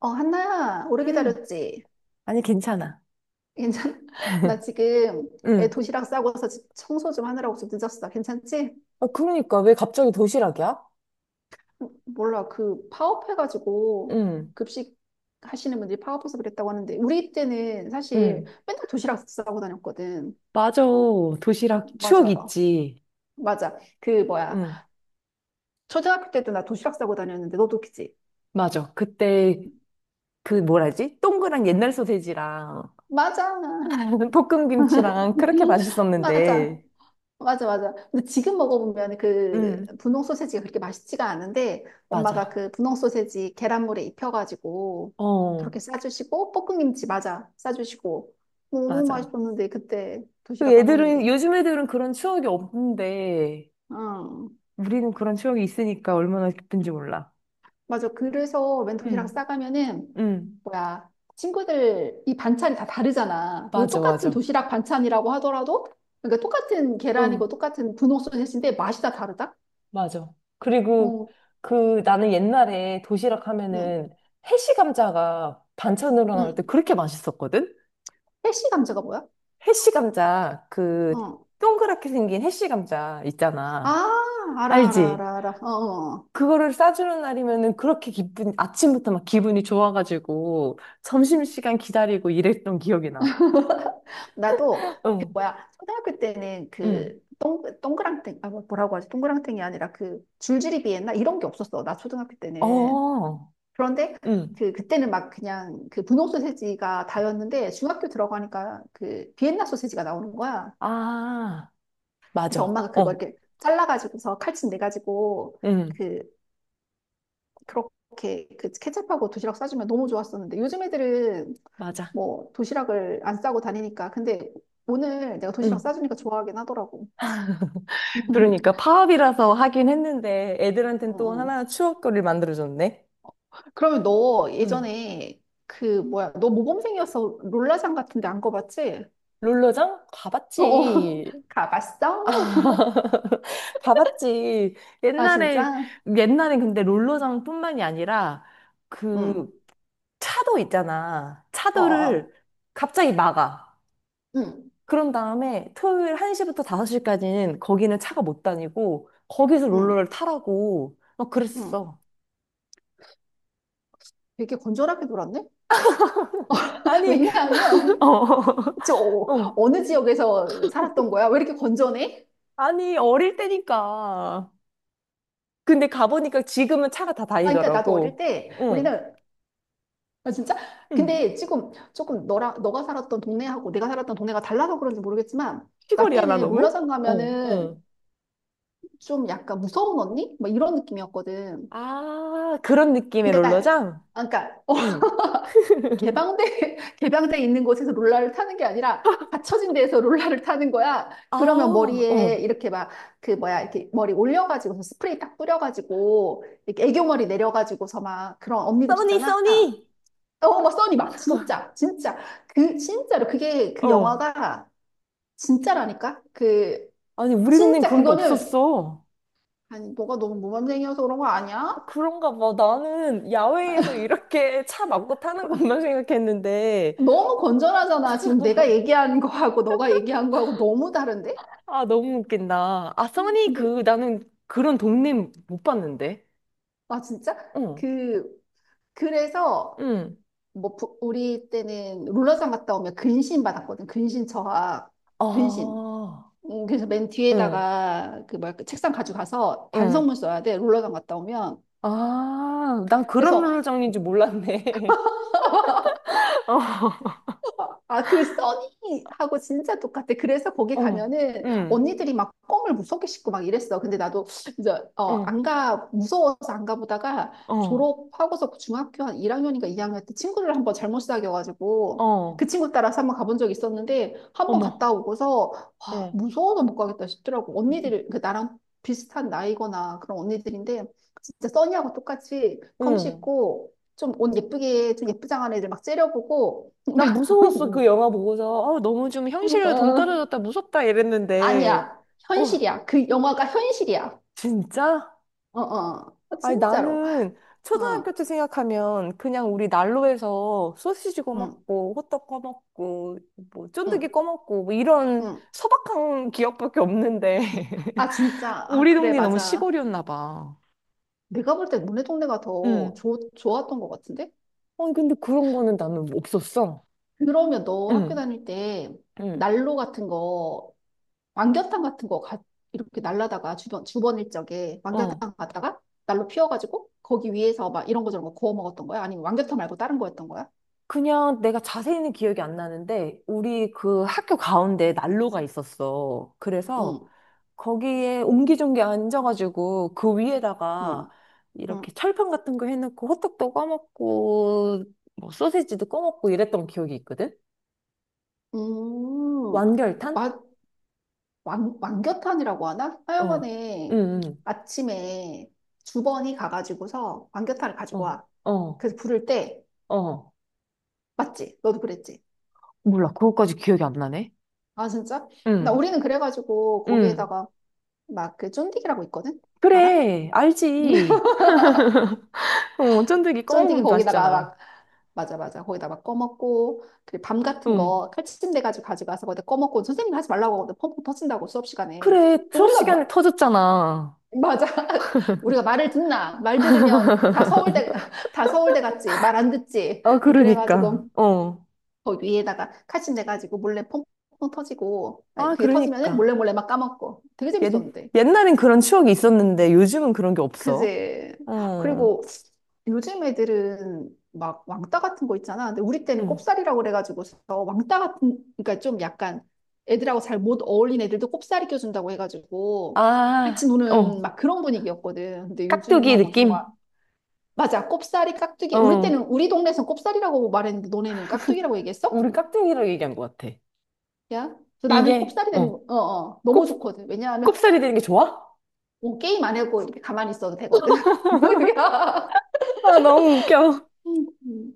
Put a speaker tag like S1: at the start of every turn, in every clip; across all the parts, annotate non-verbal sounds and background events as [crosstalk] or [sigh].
S1: 어, 한나야, 오래
S2: 음.
S1: 기다렸지?
S2: 아니, 괜찮아.
S1: 괜찮아? [laughs] 나 지금 애
S2: 응.
S1: 도시락 싸고서 집 청소 좀 하느라고 좀 늦었어. 괜찮지?
S2: 아, 그러니까 왜 갑자기 도시락이야?
S1: 어, 몰라, 그 파업해가지고
S2: 응,
S1: 급식 하시는 분들이 파업해서 그랬다고 하는데, 우리 때는 사실
S2: 응,
S1: 맨날 도시락 싸고 다녔거든.
S2: 맞아. 도시락 추억
S1: 맞아.
S2: 있지.
S1: 맞아. 그 뭐야.
S2: 응.
S1: 초등학교 때도 나 도시락 싸고 다녔는데, 너도 그지?
S2: 맞아. 그때 그 뭐라지? 동그란 옛날 소세지랑
S1: 맞아.
S2: [laughs] 볶음김치랑 그렇게
S1: [laughs] 맞아.
S2: 맛있었는데.
S1: 맞아, 맞아. 근데 지금 먹어보면 그
S2: 응.
S1: 분홍 소세지가 그렇게 맛있지가 않은데 엄마가
S2: 맞아.
S1: 그 분홍 소세지 계란물에 입혀가지고
S2: 어,
S1: 그렇게 싸주시고 볶음김치 맞아 싸주시고 너무
S2: 맞아.
S1: 맛있었는데 그때
S2: 그
S1: 도시락 까먹는
S2: 애들은,
S1: 게.
S2: 요즘 애들은 그런 추억이 없는데,
S1: 응.
S2: 우리는 그런 추억이 있으니까 얼마나 기쁜지 몰라.
S1: 맞아. 그래서 웬 도시락
S2: 응,
S1: 싸가면은
S2: 응,
S1: 뭐야 친구들 이 반찬이 다 다르잖아. 그
S2: 맞아,
S1: 똑같은
S2: 맞아.
S1: 도시락 반찬이라고 하더라도 그러니까 똑같은 계란이고 똑같은 분홍 소세지인데 맛이 다 다르다.
S2: 맞아. 그리고
S1: 어,
S2: 그 나는 옛날에 도시락
S1: 응,
S2: 하면은 해시 감자가 반찬으로 나올 때
S1: 응.
S2: 그렇게 맛있었거든?
S1: 패시 감자가 뭐야?
S2: 해시 감자, 그
S1: 어.
S2: 동그랗게 생긴 해시 감자
S1: 아,
S2: 있잖아.
S1: 알아, 알아,
S2: 알지?
S1: 알아, 알아. 어, 어. 어.
S2: 그거를 싸주는 날이면은 그렇게 기분, 아침부터 막 기분이 좋아가지고 점심시간 기다리고 이랬던 기억이 나.
S1: [laughs] 나도, 그
S2: 응,
S1: 뭐야, 초등학교 때는
S2: 응.
S1: 그, 동그랑땡, 아, 뭐라고 하지? 동그랑땡이 아니라 그, 줄줄이 비엔나? 이런 게 없었어. 나 초등학교 때는.
S2: 어,
S1: 그런데,
S2: 응.
S1: 그때는 막 그냥 그 분홍 소세지가 다였는데, 중학교 들어가니까 그, 비엔나 소세지가 나오는 거야.
S2: 아,
S1: 그래서
S2: 맞아.
S1: 엄마가 그걸
S2: 어,
S1: 이렇게 잘라가지고서 칼집 내가지고,
S2: 응.
S1: 그, 그렇게 그 케첩하고 도시락 싸주면 너무 좋았었는데, 요즘 애들은
S2: 맞아.
S1: 뭐 도시락을 안 싸고 다니니까. 근데 오늘 내가 도시락
S2: 응.
S1: 싸주니까 좋아하긴 하더라고.
S2: 그러니까
S1: [laughs]
S2: 파업이라서 하긴 했는데
S1: 어,
S2: 애들한텐 또
S1: 어.
S2: 하나 추억거리를 만들어줬네.
S1: 그러면 너
S2: 응.
S1: 예전에 그 뭐야? 너 모범생이어서 롤라장 같은데 안 가봤지?
S2: 롤러장?
S1: [laughs] 어,
S2: 가봤지.
S1: 가봤어?
S2: [laughs] 봐봤지.
S1: 아
S2: 옛날에,
S1: 진짜?
S2: 옛날에 근데 롤러장뿐만이 아니라
S1: 응.
S2: 그 차도 있잖아.
S1: 어, 어, 어.
S2: 차도를 갑자기 막아.
S1: 응,
S2: 그런 다음에 토요일 1시부터 5시까지는 거기는 차가 못 다니고 거기서
S1: 응,
S2: 롤러를 타라고 막
S1: 응.
S2: 그랬어.
S1: 되게 건전하게 놀았네? [laughs]
S2: 아니, [laughs]
S1: 왜냐하면
S2: 어,
S1: 저
S2: [laughs] 어.
S1: 어느 지역에서 살았던 거야? 왜 이렇게 건전해?
S2: 아니, 어릴 때니까. 근데 가보니까 지금은 차가 다
S1: 아, 그러니까 나도 어릴
S2: 다니더라고.
S1: 때
S2: 응,
S1: 우리는 아, 진짜?
S2: 응.
S1: 근데 지금 조금 너라 너가 살았던 동네하고 내가 살았던 동네가 달라서 그런지 모르겠지만, 나
S2: 시골이야, 나
S1: 때는
S2: 너무?
S1: 롤러장
S2: 어, 어.
S1: 가면은 좀 약간 무서운 언니? 막 이런 느낌이었거든.
S2: 아, 그런 느낌의
S1: 그러니까,
S2: 롤러장?
S1: 아, 그러니까, 어,
S2: 응.
S1: 개방돼, [laughs] 개방돼 있는 곳에서 롤러를 타는 게 아니라, 닫혀진 데에서 롤러를 타는 거야.
S2: 아,
S1: 그러면 머리에
S2: 어.
S1: 이렇게 막, 그 뭐야, 이렇게 머리 올려가지고서 스프레이 딱 뿌려가지고, 이렇게 애교머리 내려가지고서 막 그런 언니들
S2: 써니,
S1: 있잖아.
S2: 써니!
S1: 어, 막 써니 막 진짜 진짜 그 진짜로 그게 그
S2: 어.
S1: 영화가 진짜라니까 그
S2: 아니, 우리 동네엔
S1: 진짜
S2: 그런 게
S1: 그거는
S2: 없었어.
S1: 아니 너가 너무 모범생이어서 그런 거 아니야?
S2: 그런가 봐. 나는 야외에서 이렇게 차 막고 타는 것만 [laughs]
S1: [laughs]
S2: 생각했는데.
S1: 너무 건전하잖아 지금 내가 얘기한 거하고 너가 얘기한 거하고 너무 다른데?
S2: 아, 너무 웃긴다. 아, 써니,
S1: 근데
S2: 그, 나는 그런 동네 못 봤는데.
S1: 아 진짜
S2: 어,
S1: 그 그래서
S2: 응.
S1: 뭐 우리 때는 롤러장 갔다 오면 근신 받았거든 근신 저하 근신
S2: 아,
S1: 그래서 맨
S2: 응,
S1: 뒤에다가 그 뭐야 그 책상 가져가서
S2: 응.
S1: 반성문 써야 돼 롤러장 갔다 오면
S2: 아, 난 그런
S1: 그래서
S2: 룰 정리인지 몰랐네. [laughs]
S1: 아, 그 써니하고 진짜 똑같아. 그래서 거기
S2: 어, 어,
S1: 가면은
S2: 응,
S1: 언니들이 막 껌을 무섭게 씹고 막 이랬어. 근데 나도 이제 어,
S2: 어,
S1: 안 가, 무서워서 안 가보다가
S2: 어,
S1: 졸업하고서 중학교 한 1학년인가 2학년 때 친구를 한번 잘못 사귀어가지고 그
S2: 어,
S1: 친구 따라서 한번 가본 적이 있었는데 한번
S2: 어머,
S1: 갔다 오고서 와,
S2: 어,
S1: 무서워서 못 가겠다 싶더라고. 언니들, 그 나랑 비슷한 나이거나 그런 언니들인데 진짜 써니하고 똑같이 껌
S2: 응.
S1: 씹고 좀 옷 예쁘게, 좀 예쁘장한 애들 막 째려보고
S2: 난 무서웠어, 그
S1: [laughs] [laughs]
S2: 영화 보고서. 어, 너무 좀 현실과
S1: 어,
S2: 동떨어졌다, 무섭다 이랬는데,
S1: 아니야.
S2: 어,
S1: 현실이야. 그 영화가 현실이야.
S2: 진짜?
S1: 어, 어. 어,
S2: 아니,
S1: 진짜로.
S2: 나는 초등학교
S1: 어,
S2: 때 생각하면 그냥 우리 난로에서 소시지
S1: 응,
S2: 꺼먹고, 호떡 꺼먹고, 뭐, 쫀득이
S1: 응,
S2: 꺼먹고, 뭐 이런
S1: 응.
S2: 소박한 기억밖에 없는데. [laughs]
S1: 아, 진짜. 아,
S2: 우리
S1: 그래,
S2: 동네 너무
S1: 맞아.
S2: 시골이었나 봐.
S1: 내가 볼 때 너네 동네가 더
S2: 응,
S1: 좋았던 것 같은데?
S2: 아니, 근데 그런 거는 나는 없었어.
S1: 그러면 너 학교
S2: 응,
S1: 다닐 때
S2: 응.
S1: 난로 같은 거, 왕겨탕 같은 거 가, 이렇게 날라다가 주번 일적에
S2: 어.
S1: 왕겨탕 가다가 난로 피워가지고 거기 위에서 막 이런 거 저런 거 구워 먹었던 거야? 아니면 왕겨탕 말고 다른 거였던 거야?
S2: 그냥 내가 자세히는 기억이 안 나는데, 우리 그 학교 가운데 난로가 있었어. 그래서
S1: 응,
S2: 거기에 옹기종기 앉아가지고 그 위에다가
S1: 응,
S2: 이렇게
S1: 응.
S2: 철판 같은 거 해놓고 호떡도 꺼먹고 뭐 소세지도 꺼먹고 이랬던 기억이 있거든?
S1: 음,
S2: 완결탄?
S1: 마, 왕, 왕겨탄이라고 하나?
S2: 어,
S1: 하여간에
S2: 응, 응,
S1: 아침에 주번이 가가지고서 왕겨탄을 가지고
S2: 어,
S1: 와.
S2: 어,
S1: 그래서 부를 때,
S2: 어.
S1: 맞지? 너도 그랬지?
S2: 몰라, 그것까지 기억이 안 나네.
S1: 아, 진짜? 나
S2: 응,
S1: 우리는 그래가지고
S2: 응.
S1: 거기에다가 막 그 쫀디기라고 있거든? 알아?
S2: 그래, 알지.
S1: [laughs]
S2: [laughs] 어, 쫀득이
S1: 쫀디기
S2: 꺼먹으면
S1: 거기다가
S2: 맛있잖아.
S1: 막, 맞아, 맞아. 거기다 막 꺼먹고, 그리고 밤 같은
S2: 응.
S1: 거 칼치침 돼가지고 가지고 와서 거기다 꺼먹고, 선생님이 하지 말라고 하거든. 펑펑 터진다고 수업 시간에.
S2: 그래, 수업 시간에
S1: 우리가
S2: 터졌잖아.
S1: 맞아. [laughs] 우리가 말을 듣나? 말 들으면 다 서울대, [laughs] 다 서울대 같지. 말 안 듣지.
S2: 아, 그러니까.
S1: 그래가지고,
S2: 어.
S1: 거 위에다가 카신 돼가지고 몰래 퐁퐁 터지고, 아니,
S2: 아,
S1: 그게 터지면은
S2: 그러니까.
S1: 몰래 몰래 막 까먹고. 되게
S2: 옛,
S1: 재밌었는데.
S2: 옛날엔 그런 추억이 있었는데 요즘은 그런 게 없어.
S1: 그지?
S2: 어,
S1: 그리고 요즘 애들은 막 왕따 같은 거 있잖아. 근데 우리 때는
S2: 응.
S1: 꼽살이라고 그래가지고서 왕따 같은, 그러니까 좀 약간 애들하고 잘 못 어울린 애들도 꼽살이 껴준다고 해가지고 같이
S2: 아,
S1: 노는
S2: 어,
S1: 막 그런 분위기였거든. 근데
S2: 깍두기
S1: 요즘하고는
S2: 느낌?
S1: 정말 맞아. 꼽사리, 깍두기. 우리
S2: 어,
S1: 때는 우리 동네에서 꼽사리라고 말했는데 너네는 깍두기라고 얘기했어?
S2: 우리 깍두기로 얘기한 것 같아.
S1: 야. 그래서 나는
S2: 이게,
S1: 꼽사리 되는
S2: 어,
S1: 거. 어, 어.
S2: 꼽,
S1: 너무 좋거든. 왜냐하면
S2: 꼽살이 되는 게 좋아?
S1: 뭐 게임 안 하고 이렇게 가만히 있어도 되거든. [laughs] 야.
S2: 아, 너무 웃겨.
S1: 음.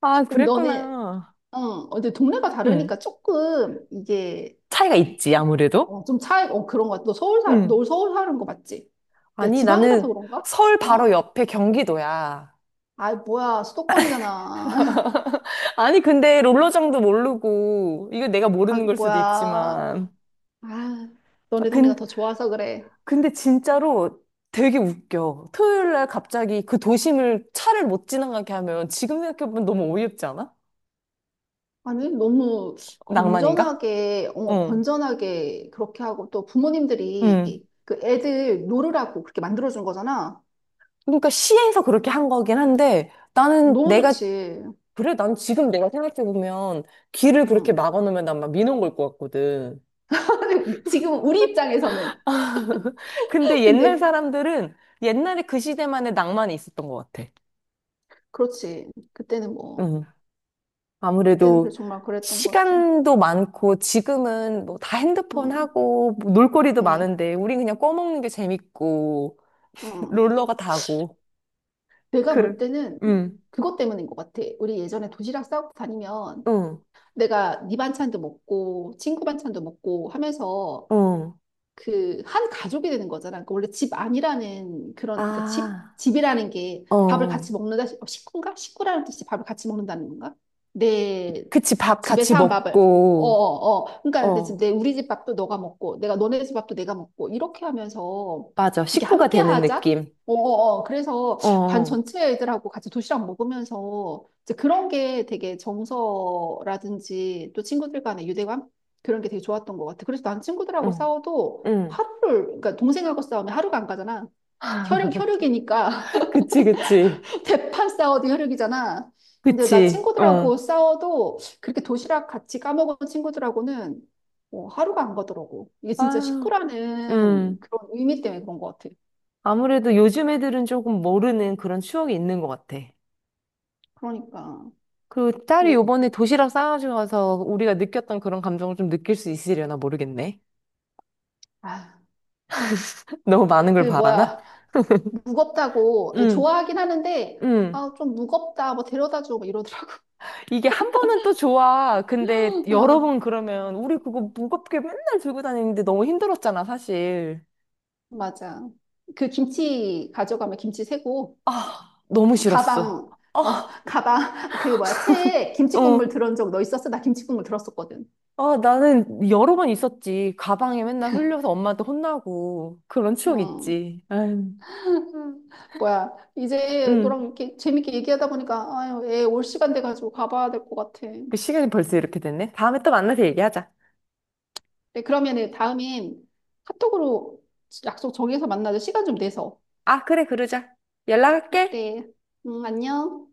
S2: 아,
S1: 그럼 너네
S2: 그랬구나.
S1: 어, 근데 동네가
S2: 응.
S1: 다르니까 조금 이게
S2: 차이가 있지, 아무래도.
S1: 어, 좀 차이 어 그런 거 같아. 너 서울 살, 너
S2: 응.
S1: 서울 사는 거 맞지? 내가
S2: 아니,
S1: 지방이라서
S2: 나는
S1: 그런가?
S2: 서울 바로
S1: 어.
S2: 옆에 경기도야.
S1: 아, 뭐야. 수도권이잖아. [laughs]
S2: 아니, 근데 롤러장도 모르고, 이거 내가
S1: 아,
S2: 모르는 걸 수도
S1: 뭐야.
S2: 있지만.
S1: 아,
S2: 아,
S1: 너네 동네가
S2: 근,
S1: 더 좋아서 그래.
S2: 근데 진짜로 되게 웃겨. 토요일 날 갑자기 그 도심을 차를 못 지나가게 하면 지금 생각해보면 너무 어이없지 않아?
S1: 아니, 너무
S2: 낭만인가?
S1: 건전하게, 어,
S2: 응,
S1: 건전하게 그렇게 하고 또 부모님들이
S2: 응.
S1: 그 애들 놀으라고 그렇게 만들어준 거잖아.
S2: 그러니까 시에서 그렇게 한 거긴 한데 나는
S1: 너무
S2: 내가
S1: 좋지.
S2: 그래, 난 지금 내가 생각해보면 길을 그렇게
S1: 응.
S2: 막아놓으면 난 막 민원 걸 것 같거든.
S1: [laughs] 지금 우리 입장에서는.
S2: [laughs] 근데
S1: [laughs]
S2: 옛날
S1: 근데,
S2: 사람들은 옛날에 그 시대만의 낭만이 있었던 것 같아.
S1: 그렇지. 그때는 뭐,
S2: 응.
S1: 그때는 그래
S2: 아무래도
S1: 정말 그랬던 것 같아.
S2: 시간도 많고 지금은 뭐 다 핸드폰
S1: 응,
S2: 하고 뭐 놀거리도
S1: 응,
S2: 많은데 우린 그냥 꺼먹는 게 재밌고 [laughs]
S1: 응.
S2: 롤러가 다고.
S1: 내가
S2: 그래.
S1: 볼 때는
S2: 응,
S1: 그것 때문인 것 같아. 우리 예전에 도시락 싸고 다니면
S2: 응,
S1: 내가 네 반찬도 먹고, 친구 반찬도 먹고 하면서
S2: 어,
S1: 그 한 가족이 되는 거잖아. 그러니까 원래 집 안이라는 그런 그러니까 집
S2: 아,
S1: 집이라는 게 밥을
S2: 어.
S1: 같이 먹는다 어, 식구인가? 식구라는 뜻이 밥을 같이 먹는다는 건가? 내
S2: 그치, 밥 같이
S1: 집에서 한 밥을 어,
S2: 먹고,
S1: 어, 어. 그러니까 이제 지금
S2: 어,
S1: 내 우리 집 밥도 너가 먹고 내가 너네 집 밥도 내가 먹고 이렇게 하면서
S2: 맞아.
S1: 이게
S2: 식구가
S1: 함께
S2: 되는
S1: 하자.
S2: 느낌.
S1: 어, 어, 어. 그래서
S2: 어,
S1: 반
S2: 어,
S1: 전체 애들하고 같이 도시락 먹으면서 이제 그런 게 되게 정서라든지 또 친구들 간의 유대감 그런 게 되게 좋았던 것 같아. 그래서 난 친구들하고
S2: 어,
S1: 싸워도
S2: 응.
S1: 하루를, 그러니까 동생하고 싸우면 하루가 안 가잖아. 혈육, 혈육이니까.
S2: [laughs] 그치, 그치.
S1: [laughs] 대판 싸워도 혈육이잖아. 근데 나
S2: 그치,
S1: 친구들하고
S2: 어.
S1: 싸워도 그렇게 도시락 같이 까먹은 친구들하고는 어, 하루가 안 가더라고. 이게 진짜
S2: 아,
S1: 식구라는
S2: 음.
S1: 그런 의미 때문에 그런 것 같아.
S2: 아무래도 요즘 애들은 조금 모르는 그런 추억이 있는 것 같아.
S1: 그러니까.
S2: 그 딸이
S1: 이게,
S2: 요번에 도시락 싸가지고 가서 우리가 느꼈던 그런 감정을 좀 느낄 수 있으려나 모르겠네.
S1: 아,
S2: [laughs] 너무 많은
S1: 그
S2: 걸 바라나?
S1: 뭐야. 무겁다고.
S2: 응,
S1: 좋아하긴 하는데,
S2: 응.
S1: 아, 좀 무겁다. 뭐 데려다 줘. 뭐 이러더라고.
S2: 이게 한 번은 또 좋아. 근데
S1: [laughs]
S2: 여러
S1: 아,
S2: 번 그러면 우리 그거 무겁게 맨날 들고 다니는데 너무 힘들었잖아, 사실.
S1: 맞아. 그 김치 가져가면 김치 세고.
S2: 아, 너무 싫었어.
S1: 가방, 어,
S2: 아,
S1: [laughs] 가방, 그 뭐야, 체에 김치국물
S2: 어.
S1: 들은 적 너 있었어? 나 김치국물 들었었거든.
S2: 아, 나는 여러 번 있었지. 가방에 맨날 흘려서 엄마한테 혼나고. 그런 추억
S1: 음.
S2: 있지. 아유,
S1: 뭐야, 이제
S2: 응.
S1: 너랑 이렇게 재밌게 얘기하다 보니까, 아유, 애 올 시간 돼가지고 가봐야 될 것 같아.
S2: 그 시간이 벌써 이렇게 됐네. 다음에 또 만나서 얘기하자.
S1: 네, 그러면은 다음엔 카톡으로 약속 정해서 만나자. 시간 좀 내서.
S2: 아, 그래, 그러자. 연락할게.
S1: 그래. 응, 안녕.